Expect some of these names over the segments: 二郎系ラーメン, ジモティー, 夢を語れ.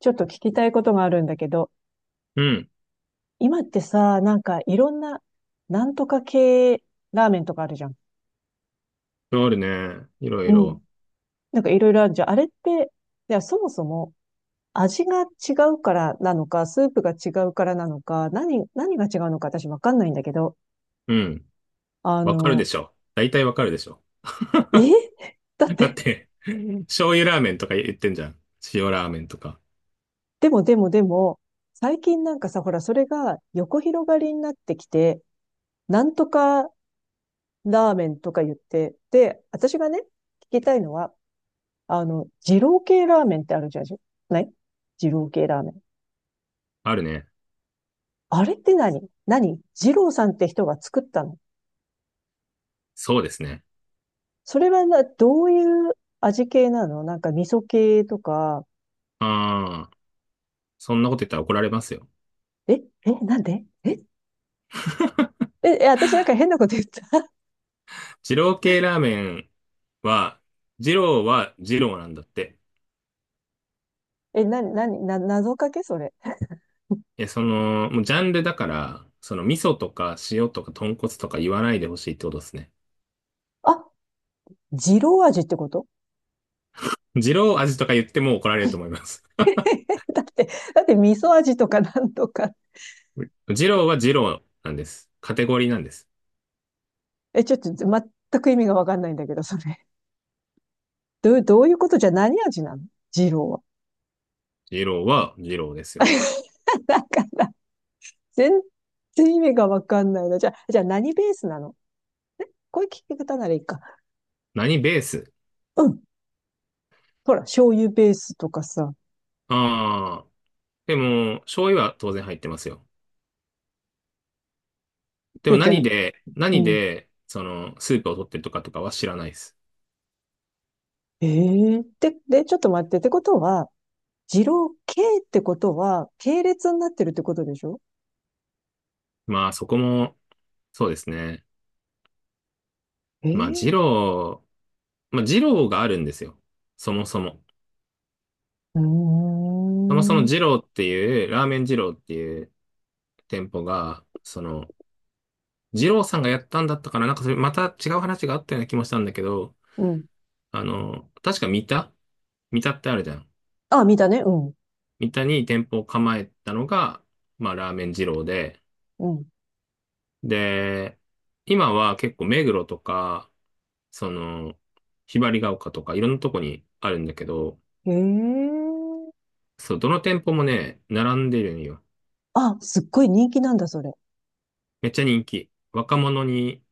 ちょっと聞きたいことがあるんだけど、うん。今ってさ、なんかいろんな、なんとか系ラーメンとかあるじゃん。あるね。いろいうん。ろ。なんかいろいろあるじゃん。あれって、いや、そもそも味が違うからなのか、スープが違うからなのか、何が違うのか私わかんないんだけど、うん。あわかるでの、しょ。大体わかるでしょ。え だっ だって、て、醤油ラーメンとか言ってんじゃん。塩ラーメンとか。でもでもでも、最近なんかさ、ほら、それが横広がりになってきて、なんとかラーメンとか言って、で、私がね、聞きたいのは、二郎系ラーメンってあるじゃん、ない？二郎系ラーメン。あるね。あれって何二郎さんって人が作ったの？そうですね。それはな、どういう味系なの？なんか味噌系とか？ああ、そんなこと言ったら怒られますよ。え、なんでえ、私なんか変なこと言った？二郎系ラーメンは、二郎は二郎なんだって。え、な、な、な、謎かけそれ？その、もうジャンルだから、その味噌とか塩とか豚骨とか言わないでほしいってことですね。あ、二郎味ってこと？ 二郎味とか言っても怒られると思います。だって、だって味噌味とかなんとか。二郎は二郎なんです。カテゴリーなんです。え、ちょっと全く意味がわかんないんだけど、それ。どういうことじゃ。何味なの？二郎は。二郎は二郎ですよ。なんか全然意味がわかんないな。じゃあ、何ベースなの？こういう聞き方ならいいか。何ベース？うん。ほら、醤油ベースとかさ。ああー。でも、醤油は当然入ってますよ。でもで、じゃあ、何で、う何ん。で、その、スープを取ってるとかとかは知らないです。ええーで、ちょっと待って。ってことは、二郎系ってことは、系列になってるってことでしょ？まあ、そこも、そうですね。えまあ、二え郎、まあ、二郎があるんですよ。そもそも。ーうーそもそもん。二郎っていう、ラーメン二郎っていう店舗が、その、二郎さんがやったんだったかな？なんかそれ、また違う話があったような気もしたんだけど、うん。あの、確か三田、三田ってあるじゃん。あ、見たね。うん。三田に店舗を構えたのが、まあ、ラーメン二郎で、うん。で、今は結構目黒とか、その、ひばりが丘とかいろんなとこにあるんだけど、へえ。そう、どの店舗もね、並んでるんよ。あ、すっごい人気なんだ、それ。めっちゃ人気。若者に、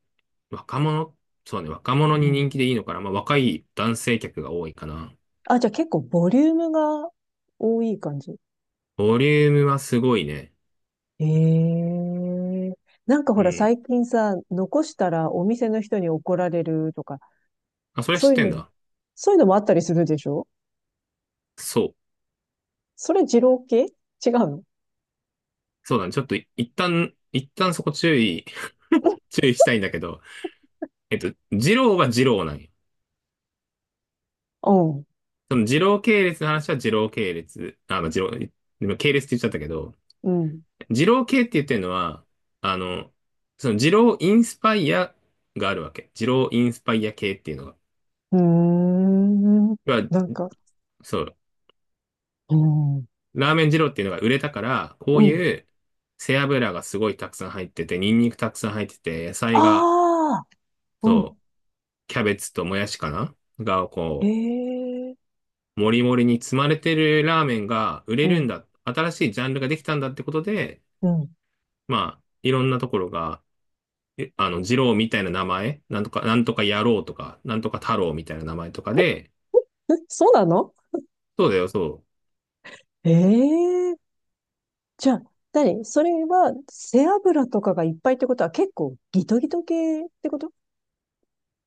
若者、そうね、若う者に人ん。気でいいのかな？まあ、若い男性客が多いかな。あ、じゃあ結構ボリュームが多い感じ。ボリュームはすごいね。ええなんかほうらん。最近さ、残したらお店の人に怒られるとか、あ、それはそ知っういうてんの、だ。そういうのもあったりするでしょ？そう。それ二郎系違うの？ そうだね。ちょっと、一旦そこ注意、注意したいんだけど、二郎は二郎なんよ。その二郎系列の話は二郎系列。あ、まあ、二郎、今系列って言っちゃったけど、うん、う二郎系って言ってるのは、あの、その二郎インスパイアがあるわけ。二郎インスパイア系っていうのが。ん。うーん。要は、なんか、そう、うん。ラーメン二郎っていうのが売れたから、こうういん。う背脂がすごいたくさん入ってて、ニンニクたくさん入ってて、野菜が、ああ、うん。そう、キャベツともやしかな、が、こええう、もりもりに積まれてるラーメンが売うれるん、んだ。新しいジャンルができたんだってことで、うん。まあ、いろんなところが、えあの、二郎みたいな名前、なんとか、なんとか野郎とか、なんとか太郎みたいな名前とかで、え、そうなの？そうだよ、そう。ええじゃあ、何？それは背脂とかがいっぱいってことは結構ギトギト系ってこと？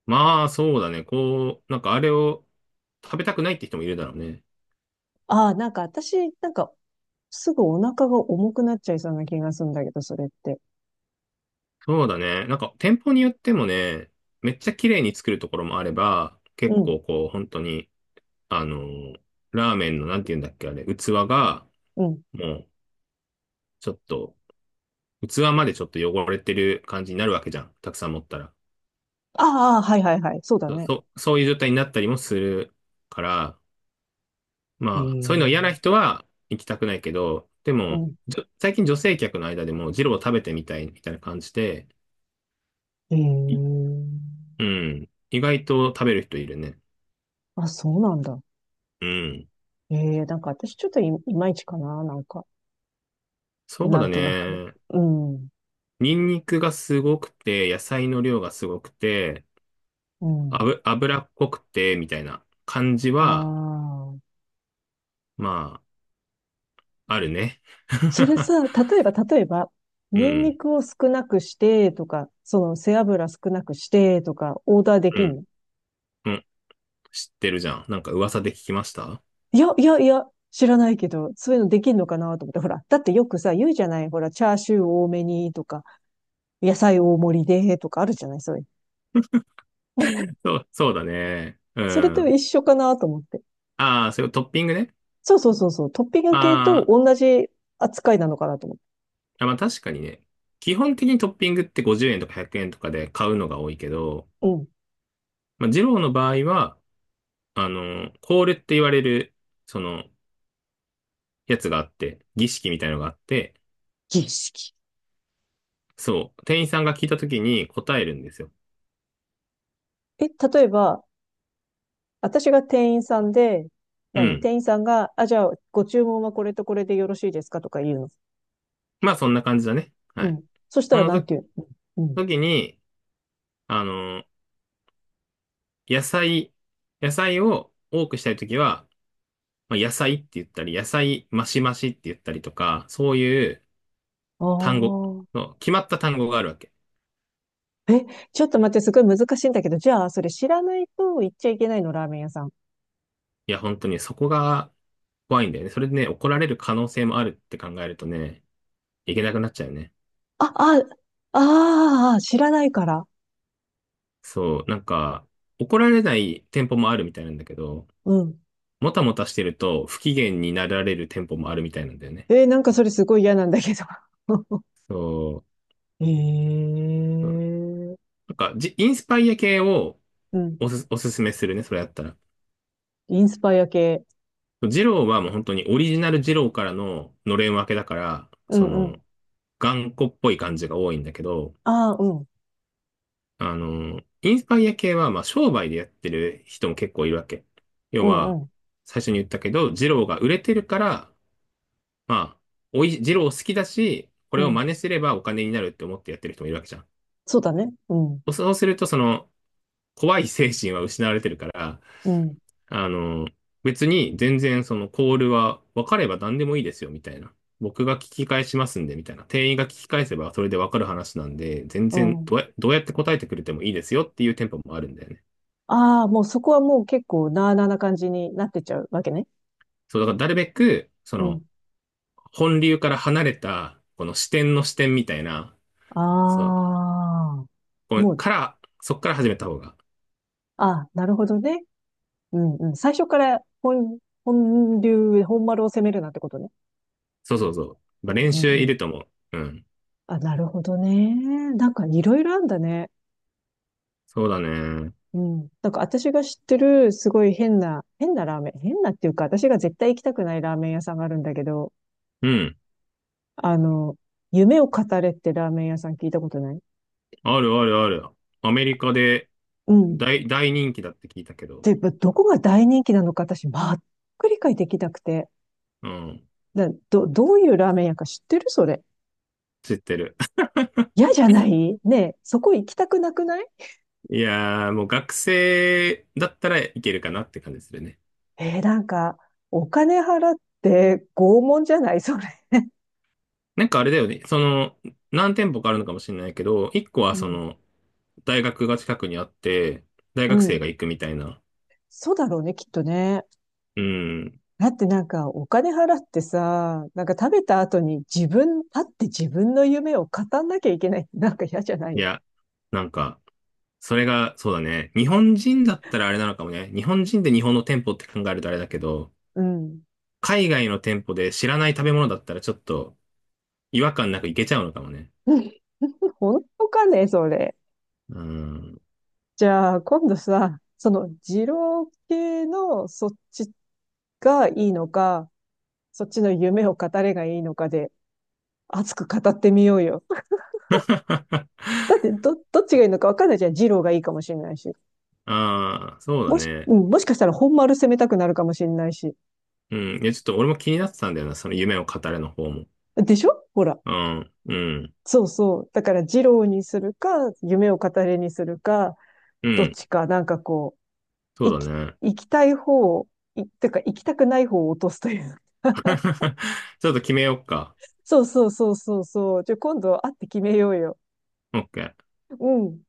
まあ、そうだね。こう、なんかあれを食べたくないって人もいるだろうね。ああ、なんか私、なんかすぐお腹が重くなっちゃいそうな気がするんだけど、それって。そうだね。なんか店舗によってもね、めっちゃ綺麗に作るところもあれば、結うん、構こう、本当に、あのーラーメンの、なんて言うんだっけ、あれ、器が、うん。もう、ちょっと、器までちょっと汚れてる感じになるわけじゃん。たくさん持ったら。ああ、はいはいはい。そうだそう、ね。そうそういう状態になったりもするから、えまあ、そういうの嫌ー、な人は行きたくないけど、でうも、ん。最近女性客の間でも、ジロー食べてみたいみたいな感じで、えいー、うん、意外と食べる人いるね。あ、そうなんだ。うん。えなんか私ちょっといまいちかな、なんか、そうなだんとなく。ね。うん、ニンニクがすごくて、野菜の量がすごくて、うん。脂っこくて、みたいな感じあは、あ。まあ、あるね。それ さ、例えば、うニンニん、クを少なくしてとか、その背脂少なくしてとか、オーダーでうきんん、の？うん。知ってるじゃん。なんか噂で聞きました。いや、いや、いや、知らないけど、そういうのできんのかなと思って、ほら、だってよくさ、言うじゃない、ほら、チャーシュー多めにとか、野菜大盛りでとかあるじゃない、そういう。そう、そうだね。うそれとん。一緒かなと思って。ああ、それをトッピングね。そうそうそうそう、トッピングあ系とー、同じ扱いなのかなと思って。あ、まあ確かにね。基本的にトッピングって50円とか100円とかで買うのが多いけど、うん。まあ、二郎の場合は、あの、コールって言われる、その、やつがあって、儀式みたいのがあって、儀式？そう、店員さんが聞いた時に答えるんですよ。え、例えば、私が店員さんで、うん。店員さんが、あ、じゃあ、ご注文はこれとこれでよろしいですかとか言うの。まあそんな感じだね。はうい。ん。そしそたら、のなんとて言うの？うん。時に、あの、野菜、野菜を多くしたい時は、まあ、野菜って言ったり、野菜マシマシって言ったりとか、そういうあ単語あ、の、決まった単語があるわけ。ちょっと待って、すごい難しいんだけど、じゃあ、それ知らないと行っちゃいけないの？ラーメン屋さん。いや、本当にそこが怖いんだよね。それでね、怒られる可能性もあるって考えるとね、いけなくなっちゃうよね。あ、あ、ああ、知らないから。そう、なんか、怒られない店舗もあるみたいなんだけど、うん。もたもたしてると不機嫌になられる店舗もあるみたいなんだよね。なんかそれすごい嫌なんだけど。そう、そう、ええなんか、インスパイア系をうん。おすすめするね、それやったら。インスパイア系。ジローはもう本当にオリジナルジローからののれん分けだから、うそんうの、ん。頑固っぽい感じが多いんだけど、ああ、うん。あの、インスパイア系は、まあ、商売でやってる人も結構いるわけ。要うんうは、ん。最初に言ったけど、ジローが売れてるから、まあ、おい、ジロー好きだし、こうれを真ん。似すればお金になるって思ってやってる人もいるわけじゃん。そうだね。うん。そうすると、その、怖い精神は失われてるから、うん。あの、別に全然そのコールは分かれば何でもいいですよ、みたいな。僕が聞き返しますんで、みたいな。店員が聞き返せばそれで分かる話なんで、全う然ん。どうやって答えてくれてもいいですよっていう店舗もあるんだよね。ああ、もうそこはもう結構なあなあな感じになってっちゃうわけね。そう、だからなるべく、そうの、ん。本流から離れた、この視点の視点みたいな、あそう、あ。こうもう、から、そっから始めた方が。ああ、なるほどね。うんうん。最初から本流、本丸を攻めるなんてことね。そうそうそう。うまあん練う習んいうん。ると思う。うん。あ、なるほどね。なんかいろいろあんだね。そうだね。うん。なんか私が知ってるすごい変な、変なラーメン、変なっていうか私が絶対行きたくないラーメン屋さんがあるんだけど、うん。あの、夢を語れってラーメン屋さん聞いたことない？あるあるある。アメリカでうん。大人気だって聞いたけど。で、どこが大人気なのか私全く理解できなくて。うん。どういうラーメン屋か知ってる？それ。知ってる。嫌じゃな いねえ、そこ行きたくなくない？いやー、もう学生だったらいけるかなって感じするね。なんか、お金払って拷問じゃない？それ。なんかあれだよね。その、何店舗かあるのかもしれないけど、一個うはそん。の、大学が近くにあって、大う学生ん。が行くみたいな。そうだろうね、きっとね。うん。だってなんか、お金払ってさ、なんか食べた後に立って自分の夢を語んなきゃいけない。なんか嫌じゃないい？や、なんか、それが、そうだね。日本人だったらあれなのかもね。日本人で日本の店舗って考えるとあれだけど、うん。海外の店舗で知らない食べ物だったらちょっと違和感なくいけちゃうのかもね。本当かね、それ。うん。じゃあ、今度さ、二郎系のそっちがいいのか、そっちの夢を語れがいいのかで、熱く語ってみようよ。だってどっちがいいのか分かんないじゃん。二郎がいいかもしれないし。ああ、そうだうね。ん、もしかしたら本丸攻めたくなるかもしれないし。うん。いや、ちょっと俺も気になってたんだよな、その夢を語れの方も。でしょ？ほら。うん、うん、そうそう。だから二郎にするか、夢を語れにするか、うどっん。ちか、なんかこう、そうだね。行きたい方を、てか行きたくない方を落とすという。ちょっと決めようか。そうそうそうそうそう。じゃあ今度会って決めようよ。OK。うん。